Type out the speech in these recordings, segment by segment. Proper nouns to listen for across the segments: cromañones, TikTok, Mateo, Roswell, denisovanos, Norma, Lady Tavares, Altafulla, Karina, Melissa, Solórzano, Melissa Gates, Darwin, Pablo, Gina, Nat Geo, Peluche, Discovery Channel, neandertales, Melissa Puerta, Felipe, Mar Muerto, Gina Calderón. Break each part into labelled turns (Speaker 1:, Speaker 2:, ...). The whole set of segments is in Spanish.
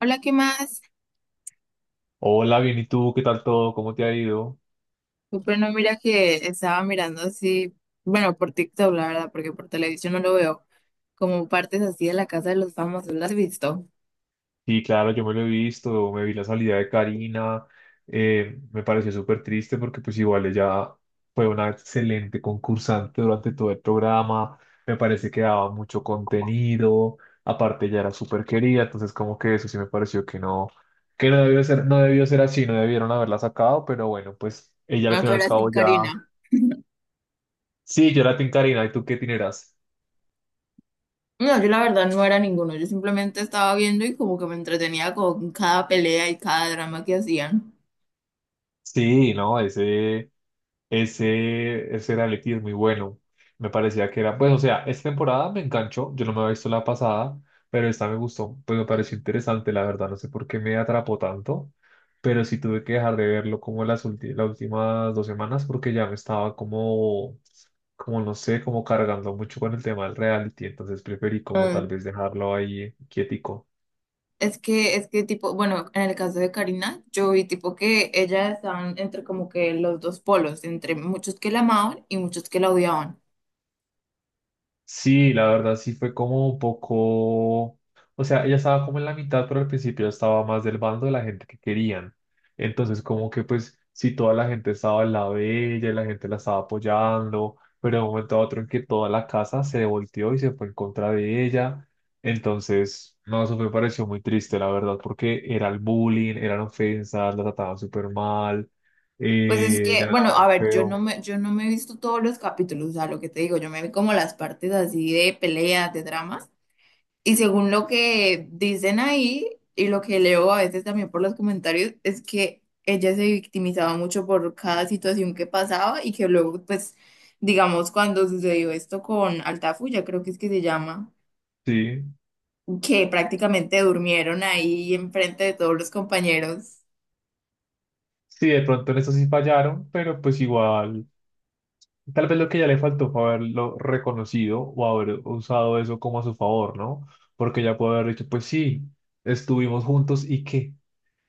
Speaker 1: Hola, ¿qué más?
Speaker 2: Hola, bien, ¿y tú? ¿Qué tal todo? ¿Cómo te ha ido?
Speaker 1: Pero no, mira que estaba mirando así, bueno, por TikTok, la verdad, porque por televisión no lo veo, como partes así de la casa de los famosos, ¿las has visto?
Speaker 2: Sí, claro, yo me lo he visto, me vi la salida de Karina, me pareció súper triste porque pues igual ella fue una excelente concursante durante todo el programa, me parece que daba mucho contenido, aparte ella era súper querida, entonces como que eso sí me pareció que no debió ser, no debió ser así, no debieron haberla sacado, pero bueno, pues ella al
Speaker 1: No,
Speaker 2: fin
Speaker 1: tú
Speaker 2: y al
Speaker 1: eras sin
Speaker 2: cabo ya.
Speaker 1: Karina.
Speaker 2: Sí, yo la tengo Karina, ¿y tú qué tineras?
Speaker 1: No, yo la verdad no era ninguno, yo simplemente estaba viendo y como que me entretenía con cada pelea y cada drama que hacían.
Speaker 2: Sí, no, ese reality es muy bueno. Me parecía que era, pues, o sea, esta temporada me enganchó. Yo no me había visto la pasada, pero esta me gustó. Pues me pareció interesante, la verdad. No sé por qué me atrapó tanto, pero sí tuve que dejar de verlo como las últimas 2 semanas porque ya me estaba como no sé, como cargando mucho con el tema del reality. Entonces preferí como
Speaker 1: Mm,
Speaker 2: tal vez dejarlo ahí quietico.
Speaker 1: Es que tipo, bueno, en el caso de Karina, yo vi tipo que ellas estaban entre como que los dos polos, entre muchos que la amaban y muchos que la odiaban.
Speaker 2: Sí, la verdad sí fue como un poco, o sea, ella estaba como en la mitad, pero al principio estaba más del bando de la gente que querían. Entonces como que pues si toda la gente estaba al lado de ella y la gente la estaba apoyando, pero de un momento a otro en que toda la casa se volteó y se fue en contra de ella. Entonces, no, eso me pareció muy triste, la verdad, porque era el bullying, eran ofensas, la trataban súper mal,
Speaker 1: Pues es
Speaker 2: le
Speaker 1: que, bueno,
Speaker 2: hablaban
Speaker 1: a ver,
Speaker 2: feo.
Speaker 1: yo no me he visto todos los capítulos, o sea, lo que te digo, yo me vi como las partes así de peleas, de dramas, y según lo que dicen ahí y lo que leo a veces también por los comentarios, es que ella se victimizaba mucho por cada situación que pasaba y que luego, pues, digamos, cuando sucedió esto con Altafulla, creo que es que se llama,
Speaker 2: Sí.
Speaker 1: que prácticamente durmieron ahí enfrente de todos los compañeros.
Speaker 2: Sí, de pronto en eso sí fallaron, pero pues igual, tal vez lo que ya le faltó fue haberlo reconocido o haber usado eso como a su favor, ¿no? Porque ya puede haber dicho, pues sí, estuvimos juntos y qué,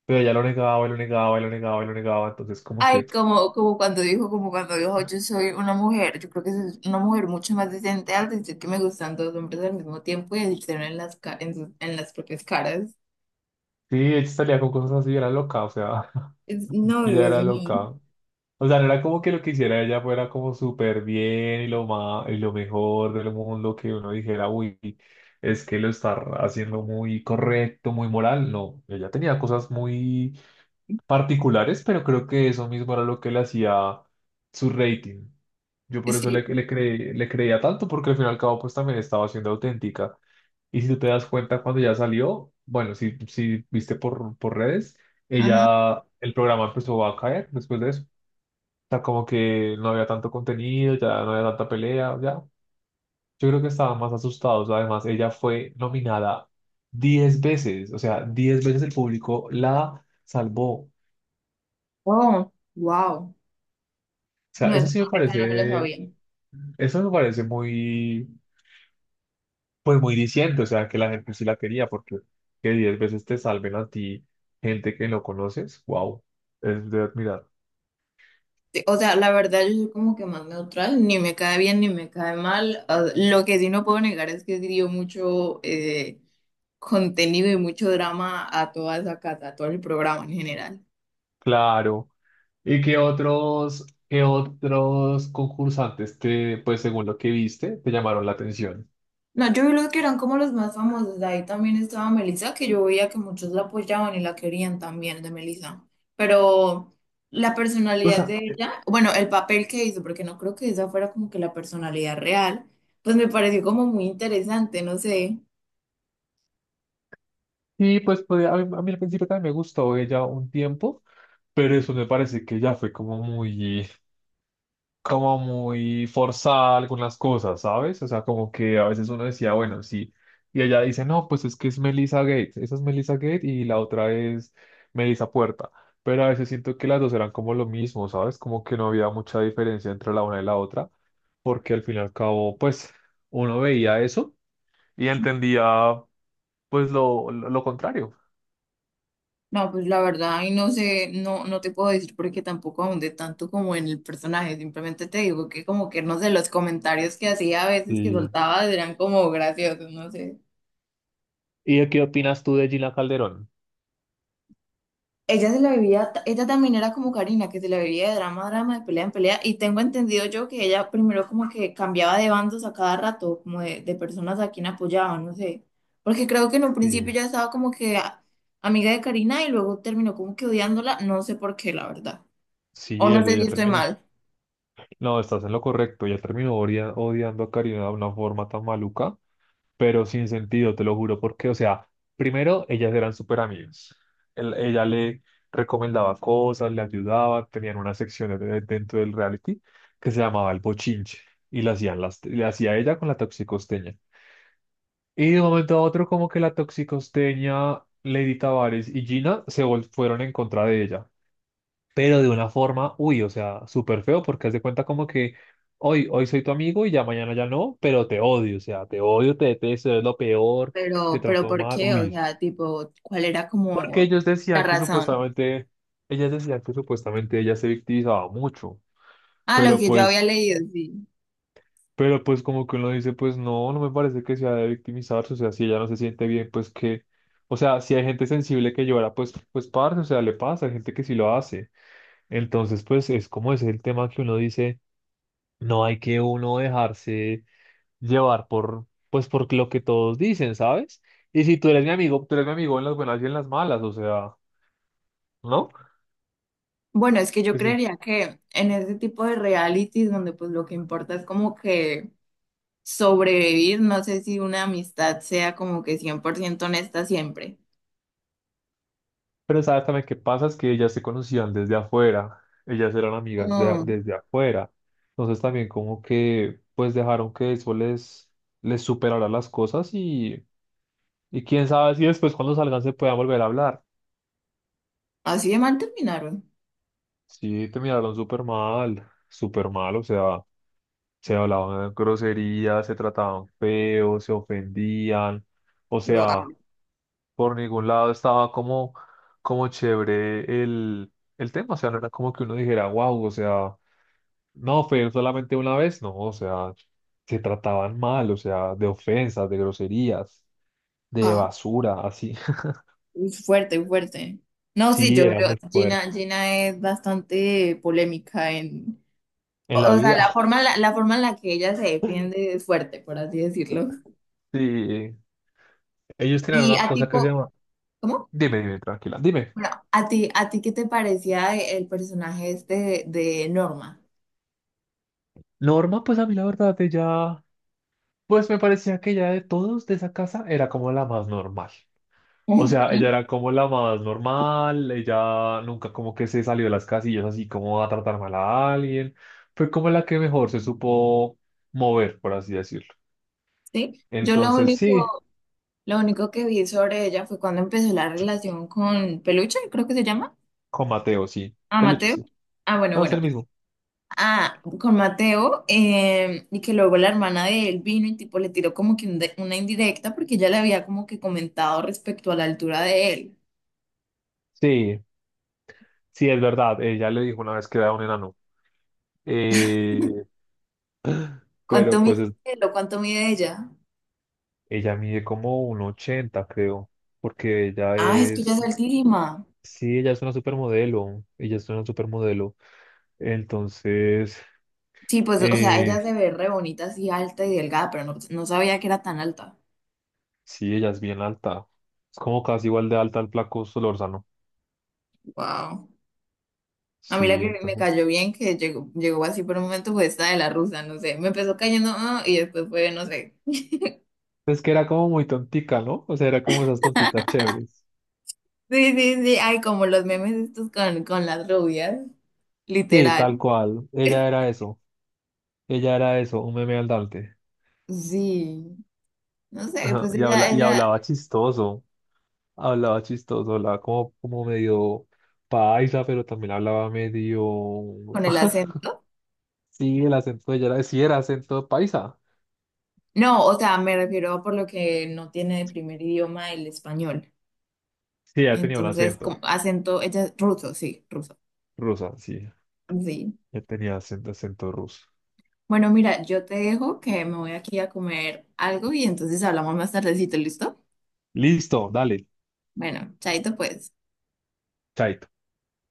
Speaker 2: pero ya lo negaba, y lo negaba, y lo negaba, y lo negaba, entonces como
Speaker 1: Ay,
Speaker 2: que
Speaker 1: como cuando dijo, yo soy una mujer, yo creo que es una mujer mucho más decente al decir que me gustan dos hombres al mismo tiempo y decirlo en las, en las propias caras.
Speaker 2: sí, ella salía con cosas así, era loca, o sea,
Speaker 1: Es- no,
Speaker 2: ella
Speaker 1: Dios
Speaker 2: era
Speaker 1: mío.
Speaker 2: loca. O sea, no era como que lo que hiciera ella fuera como súper bien y lo más, y lo mejor del mundo que uno dijera, uy, es que lo está haciendo muy correcto, muy moral. No, ella tenía cosas muy particulares, pero creo que eso mismo era lo que le hacía su rating. Yo por eso
Speaker 1: Sí.
Speaker 2: le creía tanto, porque al fin y al cabo pues también estaba siendo auténtica. Y si tú te das cuenta cuando ya salió, bueno, si viste por redes,
Speaker 1: Ajá.
Speaker 2: ella, el programa empezó a caer después de eso sea, como que no había tanto contenido, ya no había tanta pelea, ya. Yo creo que estaban más asustados. Además, ella fue nominada 10 veces, o sea, 10 veces el público la salvó. O
Speaker 1: Oh, wow.
Speaker 2: sea,
Speaker 1: No,
Speaker 2: eso sí me
Speaker 1: esa no me la
Speaker 2: parece,
Speaker 1: sabía.
Speaker 2: eso me parece muy, pues muy diciente, o sea, que la gente sí la quería, porque que 10 veces te salven a ti gente que no conoces, wow, es de admirar.
Speaker 1: Sí, o sea, la verdad yo soy como que más neutral, ni me cae bien ni me cae mal. Ah, lo que sí no puedo negar es que sí dio mucho contenido y mucho drama a toda esa casa, a todo el programa en general.
Speaker 2: Claro. ¿Y qué otros concursantes te, pues según lo que viste, te llamaron la atención?
Speaker 1: No, yo vi los que eran como los más famosos. De ahí también estaba Melissa, que yo veía que muchos la apoyaban y la querían también de Melissa. Pero la
Speaker 2: Pues
Speaker 1: personalidad
Speaker 2: a-
Speaker 1: de ella, bueno, el papel que hizo, porque no creo que esa fuera como que la personalidad real, pues me pareció como muy interesante, no sé.
Speaker 2: sí, pues a mí, al principio también me gustó ella un tiempo, pero eso me parece que ya fue como muy forzada algunas cosas, ¿sabes? O sea, como que a veces uno decía, bueno, sí. Y ella dice, no, pues es que es Melissa Gates. Esa es Melissa Gates y la otra es Melissa Puerta. Pero a veces siento que las dos eran como lo mismo, ¿sabes? Como que no había mucha diferencia entre la una y la otra. Porque al fin y al cabo, pues, uno veía eso y entendía, pues, lo contrario.
Speaker 1: No, pues la verdad, y no sé, no, no te puedo decir porque tampoco ahondé tanto como en el personaje. Simplemente te digo que como que no sé, los comentarios que hacía a veces que
Speaker 2: Sí,
Speaker 1: soltaba eran como graciosos, no sé.
Speaker 2: ¿y de qué opinas tú de Gina Calderón?
Speaker 1: Ella se la vivía, ella también era como Karina, que se la vivía de drama a drama, de pelea en pelea, y tengo entendido yo que ella primero como que cambiaba de bandos a cada rato, como de personas a quien apoyaba, no sé, porque creo que en un principio
Speaker 2: Sí,
Speaker 1: ya estaba como que a- amiga de Karina y luego terminó como que odiándola, no sé por qué, la verdad, o
Speaker 2: sí, ella,
Speaker 1: no sé si
Speaker 2: ella
Speaker 1: estoy
Speaker 2: también.
Speaker 1: mal,
Speaker 2: No, estás en lo correcto. Ya terminó odiando a Karina de una forma tan maluca, pero sin sentido, te lo juro, porque, o sea, primero, ellas eran súper amigas. Ella le recomendaba cosas, le ayudaba, tenían una sección dentro del reality que se llamaba El Bochinche y la hacían le hacía ella con la toxicosteña. Y de un momento a otro, como que la toxicosteña, Lady Tavares y Gina fueron en contra de ella, pero de una forma, uy, o sea, súper feo porque haz de cuenta como que hoy, hoy soy tu amigo y ya mañana ya no, pero te odio, o sea, te odio, te detesto, es lo peor, te
Speaker 1: pero, ¿pero
Speaker 2: trato
Speaker 1: por
Speaker 2: mal,
Speaker 1: qué? O
Speaker 2: uy.
Speaker 1: sea, tipo, ¿cuál era
Speaker 2: Porque
Speaker 1: como
Speaker 2: ellos
Speaker 1: la
Speaker 2: decían que
Speaker 1: razón?
Speaker 2: supuestamente, ellas decían que supuestamente ella se victimizaba mucho,
Speaker 1: Ah, lo
Speaker 2: pero
Speaker 1: que yo
Speaker 2: pues,
Speaker 1: había leído, sí.
Speaker 2: pero pues como que uno dice, pues no, no me parece que sea de victimizarse, o sea, si ella no se siente bien, pues que, o sea, si hay gente sensible que llora, pues, pues parce, o sea, le pasa, hay gente que sí lo hace. Entonces, pues es como ese el tema que uno dice. No hay que uno dejarse llevar por, pues, por lo que todos dicen, ¿sabes? Y si tú eres mi amigo, tú eres mi amigo en las buenas y en las malas, o sea, ¿no?
Speaker 1: Bueno, es que yo
Speaker 2: Pues sí.
Speaker 1: creería que en ese tipo de realities donde pues lo que importa es como que sobrevivir, no sé si una amistad sea como que 100% honesta siempre.
Speaker 2: Pero sabes también qué pasa, es que ellas se conocían desde afuera, ellas eran amigas
Speaker 1: Mm,
Speaker 2: desde afuera. Entonces también como que, pues dejaron que eso les superara las cosas y quién sabe si después cuando salgan se puedan volver a hablar.
Speaker 1: así de mal terminaron.
Speaker 2: Sí, terminaron súper mal, o sea, se hablaban groserías, se trataban feo, se ofendían, o
Speaker 1: Yo, ah,
Speaker 2: sea, por ningún lado estaba como, como chévere el tema, o sea, no era como que uno dijera, wow, o sea, no, fue solamente una vez, no, o sea, se trataban mal, o sea, de ofensas, de groserías, de
Speaker 1: ah,
Speaker 2: basura, así.
Speaker 1: uy, fuerte, fuerte. No, sí,
Speaker 2: Sí, era muy fuerte.
Speaker 1: Gina, Gina es bastante polémica en,
Speaker 2: En la
Speaker 1: o sea,
Speaker 2: vida.
Speaker 1: la forma en la que ella se defiende es fuerte, por así decirlo.
Speaker 2: Sí, ellos tenían
Speaker 1: Y
Speaker 2: una
Speaker 1: a
Speaker 2: cosa que se
Speaker 1: tipo,
Speaker 2: llama.
Speaker 1: ¿cómo?
Speaker 2: Dime, dime, tranquila, dime.
Speaker 1: Bueno, a ti qué te parecía el personaje este de Norma?
Speaker 2: Norma, pues a mí la verdad, ella... Pues me parecía que ella de todos de esa casa era como la más normal. O sea, ella era como la más normal, ella nunca como que se salió de las casillas así como a tratar mal a alguien. Fue como la que mejor se supo mover, por así decirlo.
Speaker 1: ¿Sí?
Speaker 2: Entonces sí,
Speaker 1: Lo único que vi sobre ella fue cuando empezó la relación con Peluche, creo que se llama.
Speaker 2: con Mateo sí,
Speaker 1: A
Speaker 2: Peluche
Speaker 1: Mateo.
Speaker 2: sí.
Speaker 1: Ah,
Speaker 2: No, es el
Speaker 1: bueno.
Speaker 2: mismo.
Speaker 1: Ah, con Mateo, y que luego la hermana de él vino y tipo le tiró como que una indirecta porque ella le había como que comentado respecto a la altura de él.
Speaker 2: Sí, sí, es verdad. Ella le dijo una vez que era un enano. Eh,
Speaker 1: ¿Cuánto
Speaker 2: pero
Speaker 1: mide
Speaker 2: pues
Speaker 1: él o cuánto mide ella?
Speaker 2: ella mide como un 80 creo, porque ella
Speaker 1: Ah, es que ella es
Speaker 2: es.
Speaker 1: altísima.
Speaker 2: Sí, ella es una supermodelo, ella es una supermodelo. Entonces,
Speaker 1: Sí, pues, o sea,
Speaker 2: eh,
Speaker 1: ella se ve re bonita, así alta y delgada, pero no, no sabía que era tan alta.
Speaker 2: sí, ella es bien alta. Es como casi igual de alta al flaco Solórzano.
Speaker 1: Wow. A mí la
Speaker 2: Sí,
Speaker 1: que me
Speaker 2: entonces.
Speaker 1: cayó bien, que llegó, llegó así por un momento, fue esta de la rusa, no sé. Me empezó cayendo, ah, y después fue, no sé.
Speaker 2: Es que era como muy tontica, ¿no? O sea, era como esas tonticas chéveres.
Speaker 1: Sí, sí, sí. Ay, como los memes estos con las rubias,
Speaker 2: Sí,
Speaker 1: literal.
Speaker 2: tal cual. Ella era eso. Ella era eso, un meme andante.
Speaker 1: Sí. No sé,
Speaker 2: Ajá, Y habla, y hablaba chistoso. Hablaba chistoso, hablaba como, medio paisa, pero también hablaba medio.
Speaker 1: con el acento.
Speaker 2: Sí, el acento de ella era, sí, era acento paisa.
Speaker 1: No, o sea, me refiero a por lo que no tiene de primer idioma el español.
Speaker 2: Sí, ya tenía un
Speaker 1: Entonces,
Speaker 2: acento
Speaker 1: como acento, ella es ruso, sí, ruso.
Speaker 2: rusa, sí,
Speaker 1: Sí.
Speaker 2: ya tenía acento, ruso.
Speaker 1: Bueno, mira, yo te dejo que me voy aquí a comer algo y entonces hablamos más tardecito, ¿listo?
Speaker 2: Listo, dale,
Speaker 1: Bueno, chaito pues.
Speaker 2: chaito.